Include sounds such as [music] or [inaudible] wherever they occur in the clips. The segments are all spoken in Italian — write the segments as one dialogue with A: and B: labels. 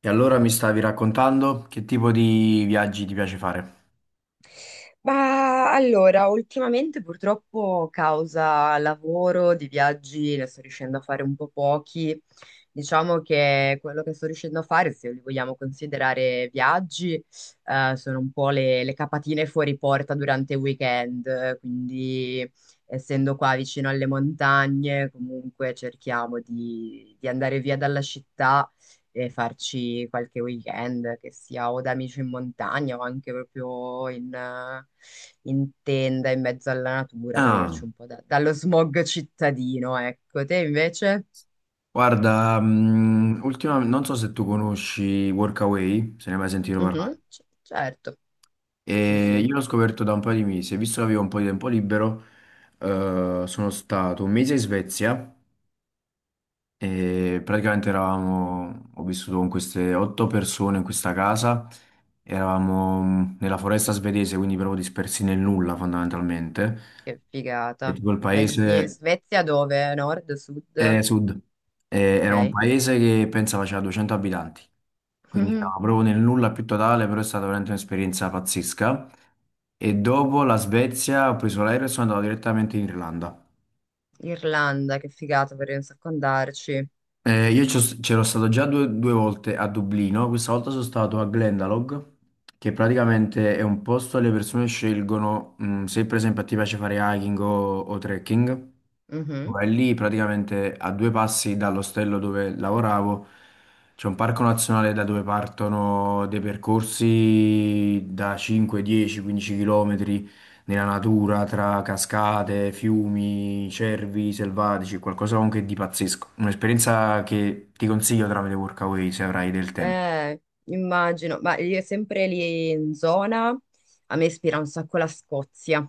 A: E allora mi stavi raccontando che tipo di viaggi ti piace fare?
B: Ma allora, ultimamente purtroppo causa lavoro, di viaggi, ne sto riuscendo a fare un po' pochi. Diciamo che quello che sto riuscendo a fare, se li vogliamo considerare viaggi, sono un po' le capatine fuori porta durante il weekend. Quindi, essendo qua vicino alle montagne, comunque cerchiamo di andare via dalla città e farci qualche weekend, che sia o da amici in montagna o anche proprio in tenda in mezzo alla natura,
A: Ah,
B: toglierci un po' dallo smog cittadino, ecco. Te invece?
A: guarda, non so se tu conosci Workaway, se ne hai mai sentito parlare.
B: Mhm, certo, sì,
A: E
B: sì,
A: io l'ho scoperto da un paio di mesi, e visto che avevo un po' di tempo libero, sono stato un mese in Svezia e praticamente ho vissuto con queste otto persone in questa casa, eravamo nella foresta svedese, quindi proprio dispersi nel nulla fondamentalmente.
B: che
A: E
B: figata.
A: tipo il
B: Ma in
A: paese,
B: Svezia dove? Nord, sud?
A: eh, sud. Era un
B: Ok. [laughs]
A: paese che pensa faceva 200 abitanti, quindi era
B: Mhm.
A: proprio nel nulla più totale, però è stata veramente un'esperienza pazzesca. E dopo la Svezia ho preso l'aereo e sono andato direttamente in Irlanda.
B: Irlanda, che figata, vorrei un sacco andarci.
A: C'ero stato già due volte a Dublino, questa volta sono stato a Glendalough, che praticamente è un posto dove le persone scelgono, se per esempio ti piace fare hiking o trekking.
B: Mm-hmm.
A: Vai lì praticamente a due passi dall'ostello dove lavoravo. C'è un parco nazionale da dove partono dei percorsi da 5, 10, 15 km nella natura tra cascate, fiumi, cervi selvatici, qualcosa comunque di pazzesco. Un'esperienza che ti consiglio tramite Workaway se avrai del tempo.
B: Eh, Immagino, ma io sempre lì in zona, a me ispira un sacco la Scozia.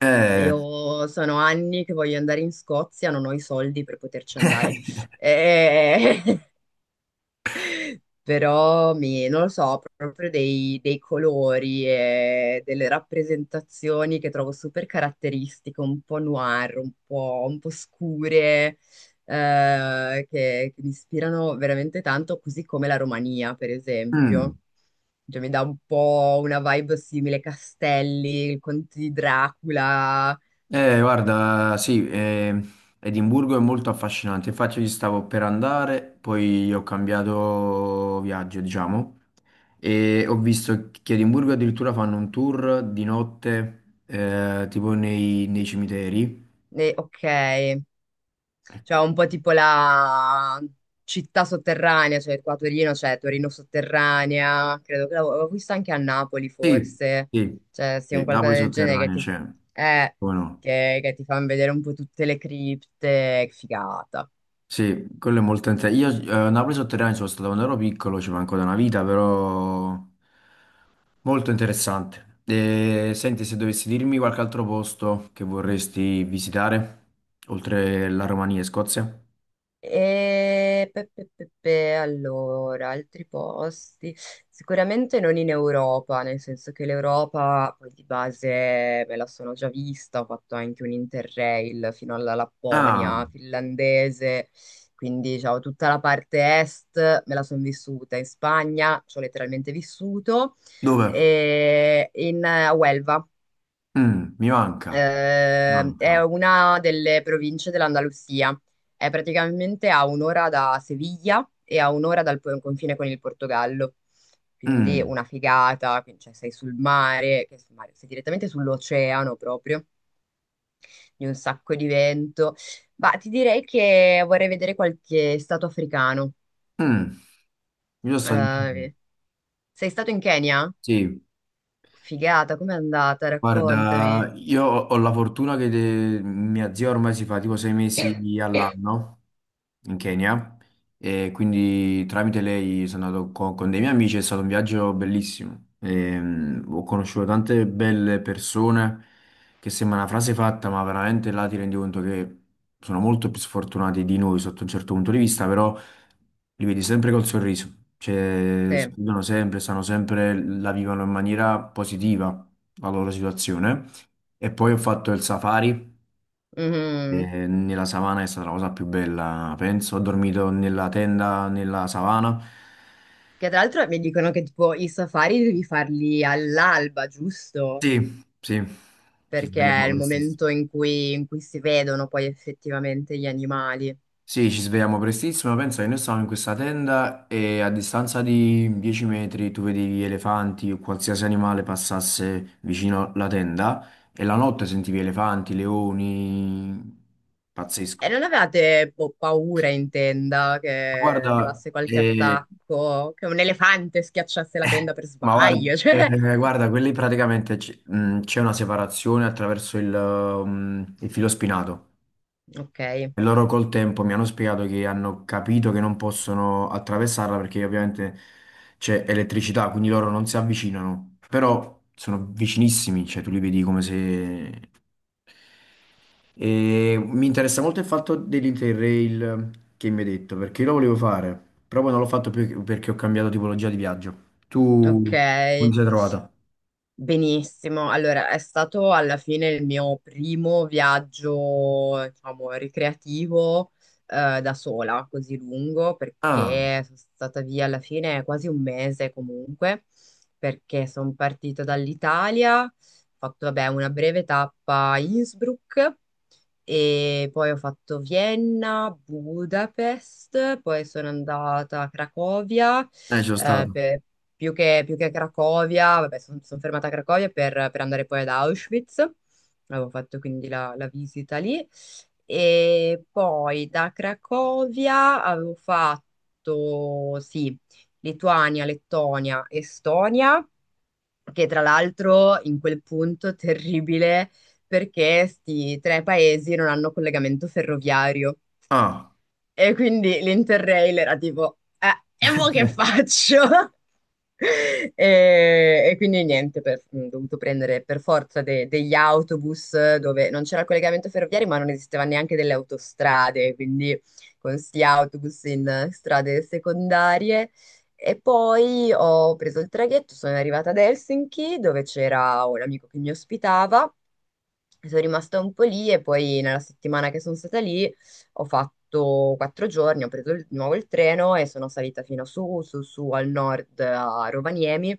A: Eh.
B: Io sono anni che voglio andare in Scozia, non ho i soldi per poterci andare.
A: [laughs]
B: Eh, [laughs] Però mi, non lo so, proprio dei colori e delle rappresentazioni che trovo super caratteristiche, un po' noir, un po' scure, eh, che mi ispirano veramente tanto, così come la Romania, per
A: Mm.
B: esempio. Cioè, mi dà un po' una vibe simile, castelli, il conte di Dracula.
A: Guarda, sì, Edimburgo è molto affascinante, infatti io ci stavo per andare, poi ho cambiato viaggio, diciamo, e ho visto che a Edimburgo addirittura fanno un tour di notte, tipo nei cimiteri.
B: E, ok. Cioè
A: Ecco.
B: un po' tipo la città sotterranea, cioè qua a Torino c'è Torino sotterranea, credo che l'avevo vista anche a Napoli
A: Sì,
B: forse,
A: sì,
B: cioè sia
A: sì,
B: un qualcosa
A: Napoli
B: del genere che
A: sotterranea
B: ti,
A: c'è,
B: eh,
A: come no?
B: che ti fanno vedere un po' tutte le cripte, che figata.
A: Sì, quello è molto interessante. Io a Napoli sotterranea ci sono stato quando ero piccolo, ci manco da una vita, però molto interessante. E, senti, se dovessi dirmi qualche altro posto che vorresti visitare, oltre la Romania e Scozia?
B: Allora, altri posti, sicuramente non in Europa, nel senso che l'Europa poi di base me la sono già vista, ho fatto anche un Interrail fino alla
A: Ah,
B: Lapponia finlandese, quindi diciamo tutta la parte est me la sono vissuta, in Spagna ci ho letteralmente vissuto,
A: dove?
B: e in a Huelva.
A: Mm, mi manca,
B: È
A: manca.
B: una delle province dell'Andalusia. È praticamente a un'ora da Seviglia e a un'ora confine con il Portogallo. Quindi
A: Mm,
B: una figata, quindi, cioè, sei sul mare, che sul mare, sei direttamente sull'oceano proprio, di un sacco di vento. Ma ti direi che vorrei vedere qualche stato africano.
A: mm. Io sono stato in Kenya.
B: Eh, sei stato in Kenya?
A: Sì.
B: Figata, com'è andata? Raccontami.
A: Guarda, io ho la fortuna che mia zia ormai si fa tipo 6 mesi all'anno in Kenya e quindi tramite lei sono andato con dei miei amici, è stato un viaggio bellissimo. Ho conosciuto tante belle persone, che sembra una frase fatta, ma veramente là ti rendi conto che sono molto più sfortunati di noi sotto un certo punto di vista, però li vedi sempre col sorriso, cioè
B: Sì.
A: sorridono sempre, stanno sempre, la vivono in maniera positiva la loro situazione. E poi ho fatto il safari,
B: Mhm.
A: nella savana è stata la cosa più bella, penso. Ho dormito nella tenda, nella savana.
B: Che tra l'altro mi dicono che tipo i safari devi farli all'alba, giusto?
A: Sì, sì, ci
B: Perché
A: svegliamo
B: è il
A: prestissimo.
B: momento in cui si vedono poi effettivamente gli animali.
A: Sì, ci svegliamo prestissimo, pensa che noi stavamo in questa tenda e a distanza di 10 metri tu vedevi elefanti o qualsiasi animale passasse vicino alla tenda, e la notte sentivi elefanti, leoni, pazzesco.
B: E non avevate boh, paura in tenda che
A: Ma guarda,
B: arrivasse qualche attacco, che un elefante
A: [laughs]
B: schiacciasse la tenda
A: eh,
B: per
A: ma guarda,
B: sbaglio? [laughs] Cioè,
A: guarda, quelli praticamente c'è una separazione attraverso il filo spinato.
B: ok,
A: E loro col tempo mi hanno spiegato che hanno capito che non possono attraversarla perché ovviamente c'è elettricità, quindi loro non si avvicinano, però sono vicinissimi, cioè tu li vedi come se. E mi interessa molto il fatto dell'Interrail che mi hai detto, perché io lo volevo fare, però poi non l'ho fatto più perché ho cambiato tipologia di viaggio.
B: ok.
A: Tu come ti sei trovata?
B: Benissimo, allora è stato alla fine il mio primo viaggio, diciamo, ricreativo da sola, così lungo,
A: Ah,
B: perché sono stata via alla fine quasi un mese comunque, perché sono partita dall'Italia, ho fatto vabbè, una breve tappa a Innsbruck e poi ho fatto Vienna, Budapest, poi sono andata a Cracovia,
A: ci sono
B: eh,
A: stato.
B: per- più che a Cracovia, vabbè, sono fermata a Cracovia per andare poi ad Auschwitz, avevo fatto quindi la visita lì, e poi da Cracovia avevo fatto, sì, Lituania, Lettonia, Estonia, che tra l'altro in quel punto terribile perché sti tre paesi non hanno collegamento ferroviario
A: Ah,
B: e quindi l'Interrail era e mo che
A: eh.
B: faccio? [laughs] [laughs] E, e quindi niente, ho dovuto prendere per forza degli autobus dove non c'era il collegamento ferroviario, ma non esisteva neanche delle autostrade, quindi con sti autobus in strade secondarie. E poi ho preso il traghetto, sono arrivata ad Helsinki dove c'era un amico che mi ospitava. Sono rimasta un po' lì e poi nella settimana che sono stata lì ho fatto quattro giorni, ho preso di nuovo il treno e sono salita fino su, su, su al nord a Rovaniemi,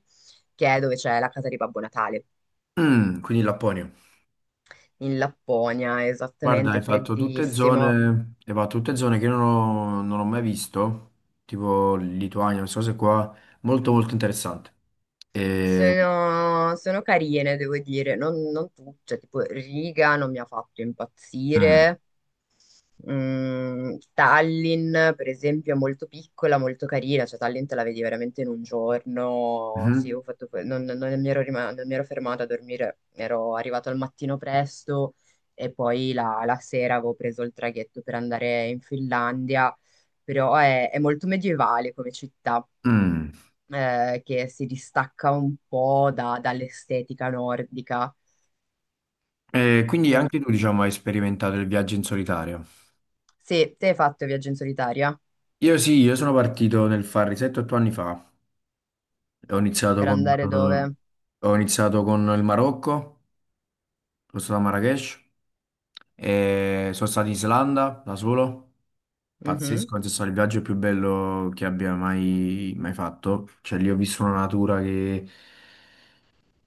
B: che è dove c'è la casa di Babbo Natale,
A: Mm, quindi in Lapponia.
B: in Lapponia,
A: Guarda,
B: esattamente,
A: hai fatto tutte
B: freddissimo.
A: zone, hai fatto tutte zone che non ho mai visto, tipo Lituania, queste cose qua, molto molto interessante. E,
B: Sono carine, devo dire, non tu, cioè tipo Riga non mi ha fatto
A: Mm.
B: impazzire. Mm, Tallinn, per esempio, è molto piccola, molto carina, cioè Tallinn te la vedi veramente in un giorno. Sì,
A: Mhm.
B: ho fatto non mi ero fermata a dormire, ero arrivato al mattino presto e poi la sera avevo preso il traghetto per andare in Finlandia, però è molto medievale come città,
A: Mm.
B: che si distacca un po' dall'estetica nordica.
A: E quindi
B: E-
A: anche tu, diciamo, hai sperimentato il viaggio in solitario.
B: sì, te hai fatto viaggio in solitaria?
A: Io sì, io sono partito nel Farri 7-8 anni fa, ho iniziato
B: Per andare
A: con,
B: dove?
A: il Marocco, sono stato a Marrakech, e sono stato in Islanda da solo,
B: Mhm.
A: pazzesco, penso sia stato il viaggio più bello che abbia mai, mai fatto, cioè lì ho visto una natura che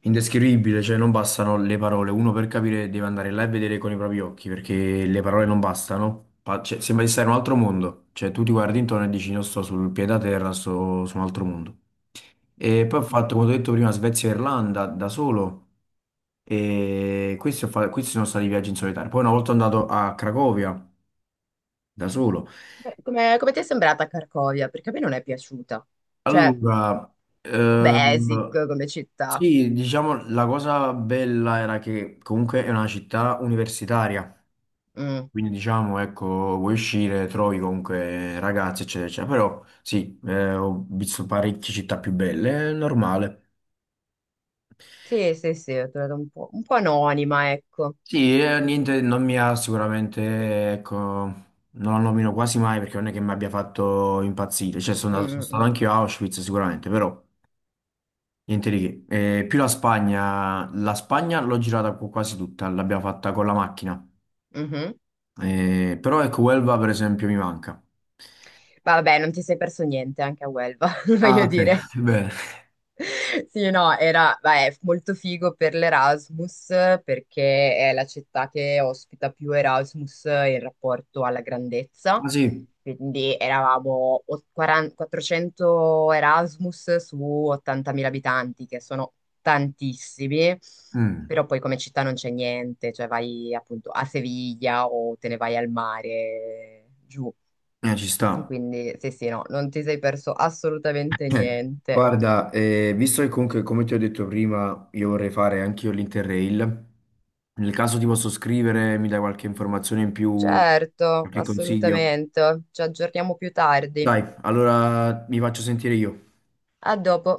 A: indescrivibile, cioè non bastano le parole, uno per capire deve andare là e vedere con i propri occhi, perché le parole non bastano, cioè, sembra di stare in un altro mondo, cioè tu ti guardi intorno e dici non sto sul piede a terra, sto su un altro mondo. E poi ho
B: Mm-mm.
A: fatto, come ho detto prima, Svezia e Irlanda da solo. E questi sono stati viaggi in solitario. Poi una volta andato a Cracovia da solo.
B: Beh, come ti è sembrata Cracovia? Perché a me non è piaciuta. Cioè,
A: Allora,
B: un po' basic
A: ehm,
B: come città.
A: sì, diciamo la cosa bella era che comunque è una città universitaria.
B: Mm.
A: Quindi diciamo, ecco, vuoi uscire, trovi comunque ragazzi, eccetera, eccetera. Però sì, ho visto parecchie città più belle, è normale.
B: Sì, sì, sì, ho trovato un po' anonima, ecco.
A: Sì,
B: Mm.
A: niente, non mi ha sicuramente, ecco, non lo nomino quasi mai perché non è che mi abbia fatto impazzire, cioè sono
B: Mm,
A: andato, sono
B: mm,
A: stato
B: mm.
A: anche io a Auschwitz sicuramente, però niente di che. Più la Spagna l'ho girata quasi tutta, l'abbiamo fatta con la macchina.
B: Mhm.
A: Però ecco, Huelva per esempio mi manca.
B: Ma vabbè, non ti sei perso niente anche a Huelva, [laughs]
A: Ah,
B: voglio
A: ok,
B: dire.
A: [laughs] bene.
B: Sì, no, era, beh, molto figo per l'Erasmus perché è la città che ospita più Erasmus in rapporto alla grandezza.
A: Ah sì,
B: Quindi eravamo 40 400 Erasmus su 80.000 abitanti, che sono tantissimi,
A: mm,
B: però poi come città non c'è niente, cioè vai appunto a Seviglia o te ne vai al mare giù.
A: ci sta.
B: Quindi sì, sì, no, non ti sei perso assolutamente
A: Eh,
B: niente.
A: Guarda, visto che comunque, come ti ho detto prima, io vorrei fare anch'io l'Interrail, nel caso ti posso scrivere, mi dai qualche informazione in più,
B: Certo,
A: qualche consiglio?
B: assolutamente. Ci aggiorniamo più tardi.
A: Dai, allora mi faccio sentire io.
B: A dopo.